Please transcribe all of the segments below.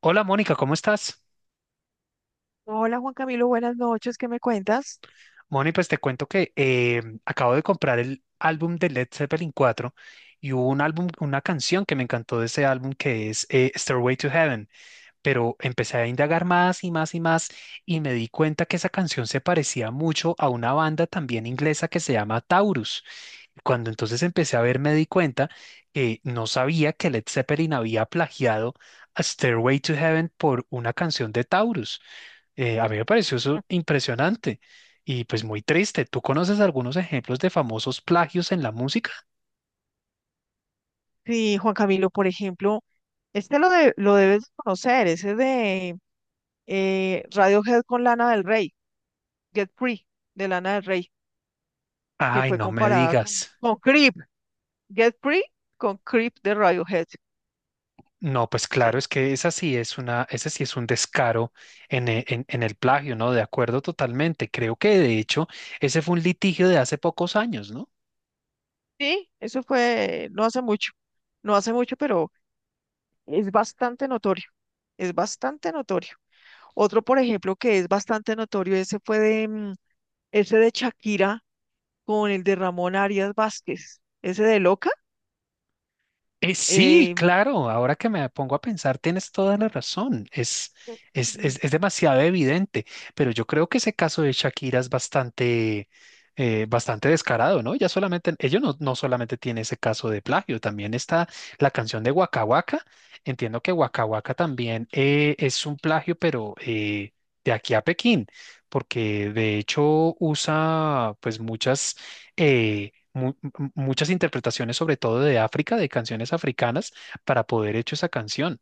Hola Mónica, ¿cómo estás? Hola Juan Camilo, buenas noches, ¿qué me cuentas? Mónica, pues te cuento que acabo de comprar el álbum de Led Zeppelin 4 y hubo un álbum, una canción que me encantó de ese álbum que es Stairway to Heaven. Pero empecé a indagar más y más y más y me di cuenta que esa canción se parecía mucho a una banda también inglesa que se llama Taurus. Cuando entonces empecé a ver, me di cuenta que no sabía que Led Zeppelin había plagiado a Stairway to Heaven por una canción de Taurus. A mí me pareció eso impresionante y pues muy triste. ¿Tú conoces algunos ejemplos de famosos plagios en la música? Sí, Juan Camilo, por ejemplo, lo debes conocer, ese de Radiohead con Lana del Rey, Get Free, de Lana del Rey, que Ay, fue no me comparada con, digas. con Creep, Get Free con Creep de Radiohead, No, pues claro, sí. es que esa sí es una, ese sí es un descaro en, en el plagio, ¿no? De acuerdo totalmente. Creo que de hecho ese fue un litigio de hace pocos años, ¿no? Sí, eso fue no hace mucho, no hace mucho, pero es bastante notorio, es bastante notorio. Otro, por ejemplo, que es bastante notorio, ese fue de ese de Shakira con el de Ramón Arias Vázquez, ese de Loca. Sí, eh, claro, ahora que me pongo a pensar, tienes toda la razón. Sí, Es demasiado evidente, pero yo creo que ese caso de Shakira es bastante, bastante descarado, ¿no? Ya solamente, ellos no solamente tiene ese caso de plagio, también está la canción de Waka Waka. Entiendo que Waka Waka también es un plagio, pero de aquí a Pekín, porque de hecho usa pues muchas. eh, Muchas interpretaciones, sobre todo de África, de canciones africanas, para poder hecho esa canción.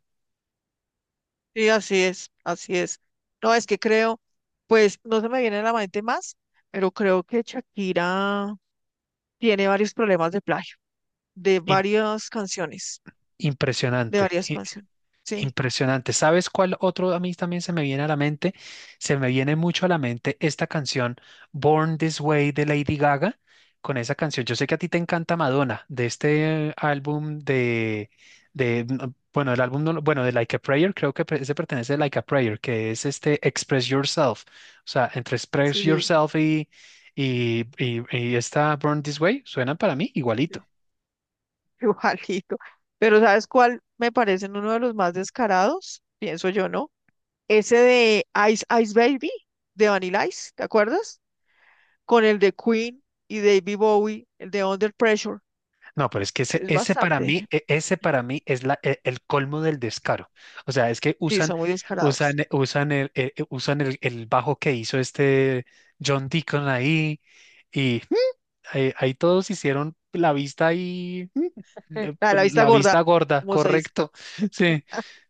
sí, así es, así es. No, es que creo, pues no se me viene a la mente más, pero creo que Shakira tiene varios problemas de plagio, de Im- varias canciones, de impresionante, varias i- canciones. Sí, Impresionante. ¿Sabes cuál otro a mí también se me viene a la mente? Se me viene mucho a la mente esta canción Born This Way de Lady Gaga. Con esa canción, yo sé que a ti te encanta Madonna, de este álbum de no, bueno, el álbum, no lo- bueno, de Like a Prayer, creo que ese pertenece a Like a Prayer, que es este Express Yourself. O sea, entre Express sí, Yourself y esta Born This Way suenan para mí sí, igualito. igualito. Pero ¿sabes cuál me parece uno de los más descarados? Pienso yo, ¿no? Ese de Ice Ice Baby, de Vanilla Ice, ¿te acuerdas? Con el de Queen y David Bowie, el de Under Pressure. No, pero es que Es ese para bastante. mí, ese para mí es la, el colmo del descaro. O sea, Sí, son muy descarados. usan, usan el bajo que hizo este John Deacon ahí y ahí, ahí todos hicieron la vista ahí, A la vista la gorda, vista gorda, como se dice. correcto. Sí,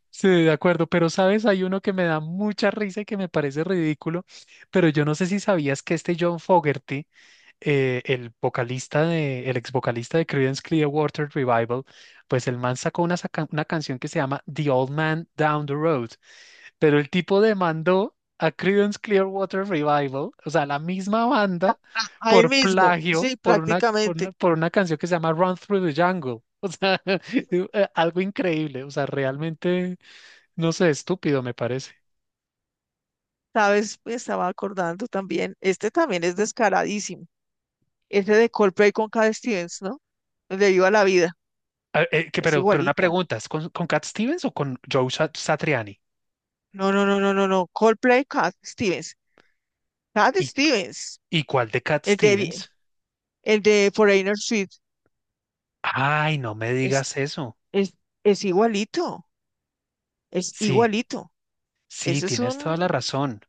sí, de acuerdo. Pero sabes, hay uno que me da mucha risa y que me parece ridículo, pero yo no sé si sabías que este John Fogerty el vocalista de, el ex vocalista de Creedence Clearwater Revival, pues el man una canción que se llama The Old Man Down the Road, pero el tipo demandó a Creedence Clearwater Revival, o sea, la misma banda, A él por mismo, plagio, sí, prácticamente. Por una canción que se llama Run Through the Jungle. O sea, algo increíble, o sea, realmente, no sé, estúpido me parece. Sabes, me estaba acordando también. Este también es descaradísimo. Ese de Coldplay con Cat Stevens, ¿no? El de Viva la Vida. Es Pero una igualito. pregunta, ¿es con Cat Stevens o con Satriani? No, no, no, no, no, no. Coldplay, Cat Stevens. Cat Stevens. ¿Y cuál de Cat El de, Vi- Stevens? el de Foreigner Suite. Ay, no me Es, digas eso. es, es igualito. Es Sí, igualito. sí, Eso tienes toda la razón.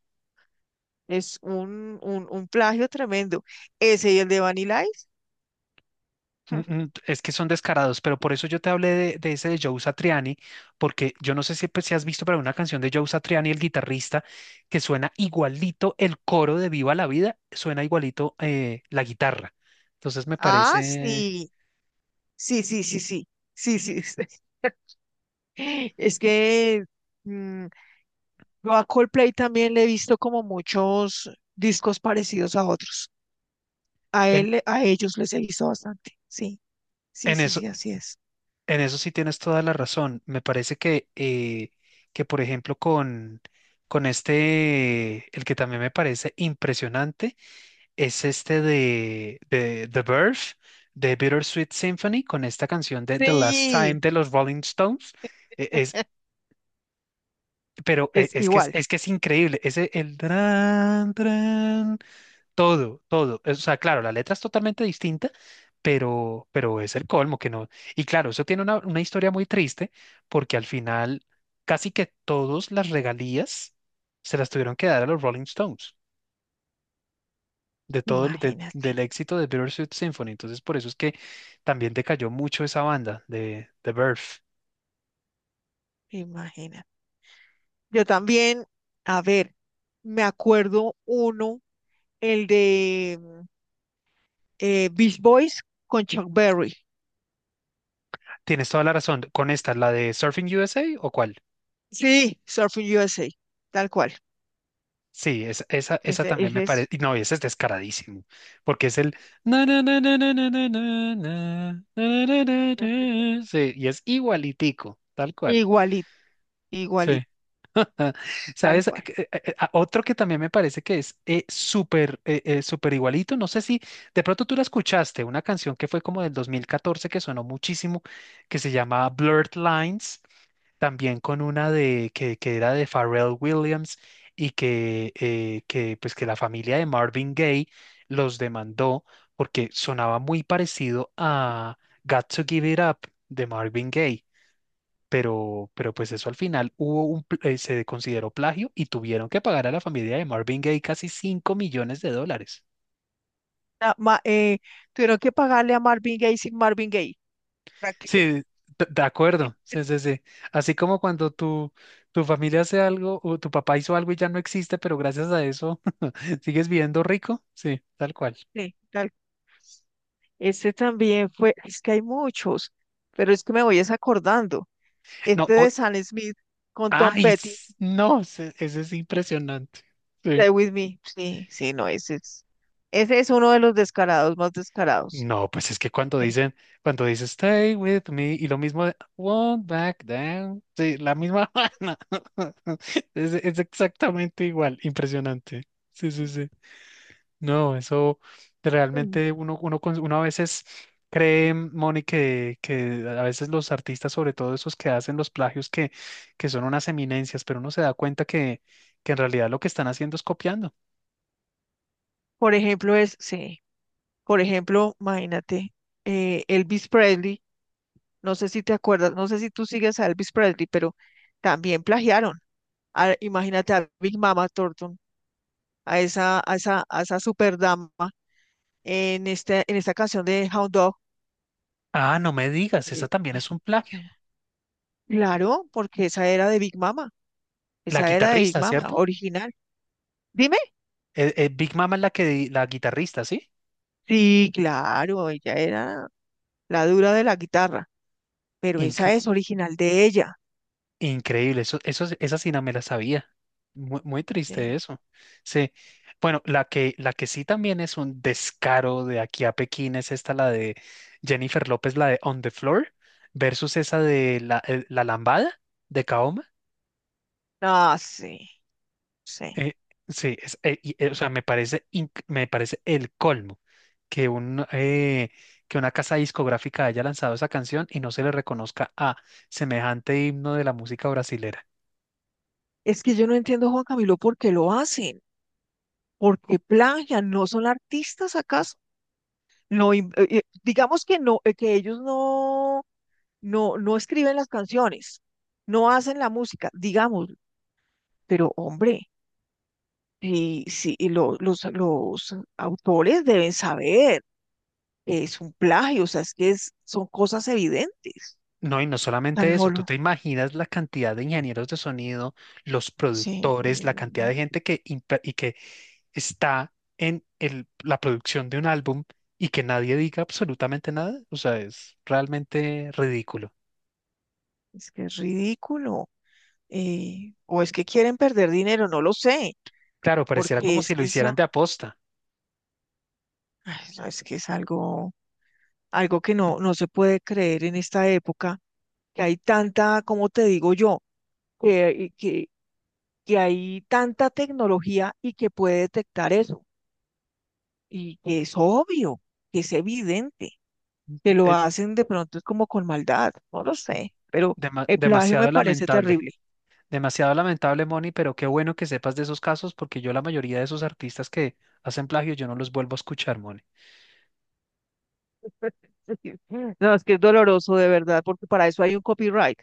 es un, un plagio tremendo. Ese y el de Vanilla Ice. Mm, mm, es que son descarados, pero por eso yo te hablé de ese de Joe Satriani, porque yo no sé si, pues, si has visto, pero una canción de Joe Satriani, el guitarrista, que suena igualito el coro de Viva la Vida, suena igualito la guitarra. Entonces me Ah, parece, sí, sí, sí, sí, sí, sí, sí. Sí. Es que mm, yo a Coldplay también le he visto como muchos discos parecidos a otros. En, A ellos les he visto bastante. Sí, sí, en sí, sí, así es. en eso sí tienes toda la razón. Me parece que por ejemplo, con este, el que también me parece impresionante es este de The Verve, de Bittersweet Symphony, con esta canción de The Last Time Sí, de los Rolling Stones. Es, es es que igual. es que es increíble. Ese, el... Todo, todo. O sea, claro, la letra es totalmente distinta, pero es el colmo que no. Y claro, eso tiene una historia muy triste, porque al final casi que todas las regalías se las tuvieron que dar a los Rolling Stones, de Imagínate, del éxito de Bittersweet Symphony. Entonces, por eso es que también decayó mucho esa banda de The Birth. imagínate. Yo también, a ver, me acuerdo uno, el de Beach Boys con Chuck Berry. Tienes toda la razón. ¿Con esta, la de Surfing USA o cuál? Sí, Surfing USA, tal cual. Sí, esa Ese, también ese me es parece. No, ese es descaradísimo, porque es el. Na, na, na, na, na, na, na, na, na, na, na, na, na. Sí, y es igualitico, tal cual. igualito, Sí. igualito, tal ¿Sabes? Cual. Otro que también me parece que es súper súper igualito. No sé si de pronto tú la escuchaste, una canción que fue como del 2014 que sonó muchísimo, que se llama Blurred Lines también con una de que era de Pharrell Williams y pues que la familia de Marvin Gaye los demandó porque sonaba muy parecido a Got to Give It Up de Marvin Gaye. Pero pues eso al final se consideró plagio y tuvieron que pagar a la familia de Marvin Gaye casi 5 millones de dólares. Na- ma- eh, Tuvieron que pagarle a Marvin Gaye sin Marvin Gaye. para que- Sí, de acuerdo. Sí, sí, sí. Así como cuando tu familia hace algo o tu papá hizo algo y ya no existe, pero gracias a eso sigues viviendo rico. Sí, tal cual. Sí, tal. Ese también fue, es que hay muchos, pero es que me voy es acordando. No, Este de o- Sam Smith con Tom Petty, no, ese es impresionante. Sí. Stay With Me. Sí, sí, no, ese es uno de los descarados más descarados. No, pues es que Sí. Cuando dice stay with me y lo mismo de won't back down, sí, la misma vaina. Es exactamente igual, impresionante. Sí, sí, sí. No, eso Mm. realmente uno a veces cree, Moni, que a veces los artistas, sobre todo esos que hacen los plagios, que son unas eminencias, pero uno se da cuenta que en realidad lo que están haciendo es copiando. Por ejemplo, es, sí. Por ejemplo, imagínate, Elvis Presley, no sé si te acuerdas, no sé si tú sigues a Elvis Presley, pero también plagiaron. Imagínate a Big Mama Thornton, a esa, a esa, a esa super dama en esta canción de Hound Dog. Ah, no me digas, esa Eh, también es un plagio. eh, Claro, porque esa era de Big Mama, La esa era de Big guitarrista, Mama, ¿cierto? original. Dime. Big Mama es la que, la guitarrista, ¿sí? Sí, claro, ella era la dura de la guitarra, pero esa es original de ella. Increíble, eso, sí, esa sí no me la sabía. Muy, muy triste Sí. eso. Sí. Bueno, la que sí también es un descaro de aquí a Pekín es esta, la de Jennifer López, la de On the Floor, versus esa de la Lambada de Kaoma. Ah, sí, sí. Eh, o sea, me parece, me parece el colmo que, un, eh, que una casa discográfica haya lanzado esa canción y no se le reconozca a semejante himno de la música brasilera. Es que yo no entiendo, Juan Camilo, por qué lo hacen, por qué plagian, ¿no son artistas acaso? No, digamos que no, que ellos no escriben las canciones, no hacen la música, digamos, pero hombre, sí, y los autores deben saber que es un plagio, o sea, es que son cosas evidentes. No, y no Tan solamente no eso, tú te imaginas la cantidad de ingenieros de sonido, los sí, productores, la cantidad de gente y que está en la producción de un álbum y que nadie diga absolutamente nada. O sea, es realmente ridículo. es que es ridículo. O es que quieren perder dinero, no lo sé Claro, pareciera porque como es si lo que hicieran eso, de aposta. ay, no, es que es algo, algo que no se puede creer en esta época, que hay tanta, como te digo yo, que, y que, que hay tanta tecnología y que puede detectar eso, y que es obvio, que es evidente, que lo Eh, hacen de pronto es como con maldad, no lo sé, pero el plagio me Demasiado parece lamentable, terrible. demasiado lamentable, Moni, pero qué bueno que sepas de esos casos porque yo la mayoría de esos artistas que hacen plagio yo no los vuelvo a escuchar, Moni. No, es que es doloroso de verdad, porque para eso hay un copyright,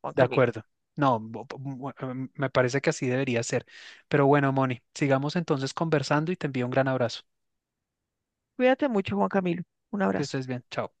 Juan De Camilo. acuerdo. No, bu- bu- bu- em, Me parece que así debería ser. Pero bueno, Moni, sigamos entonces conversando y te envío un gran abrazo. Cuídate mucho, Juan Camilo. Un Que abrazo. estés bien. Chao.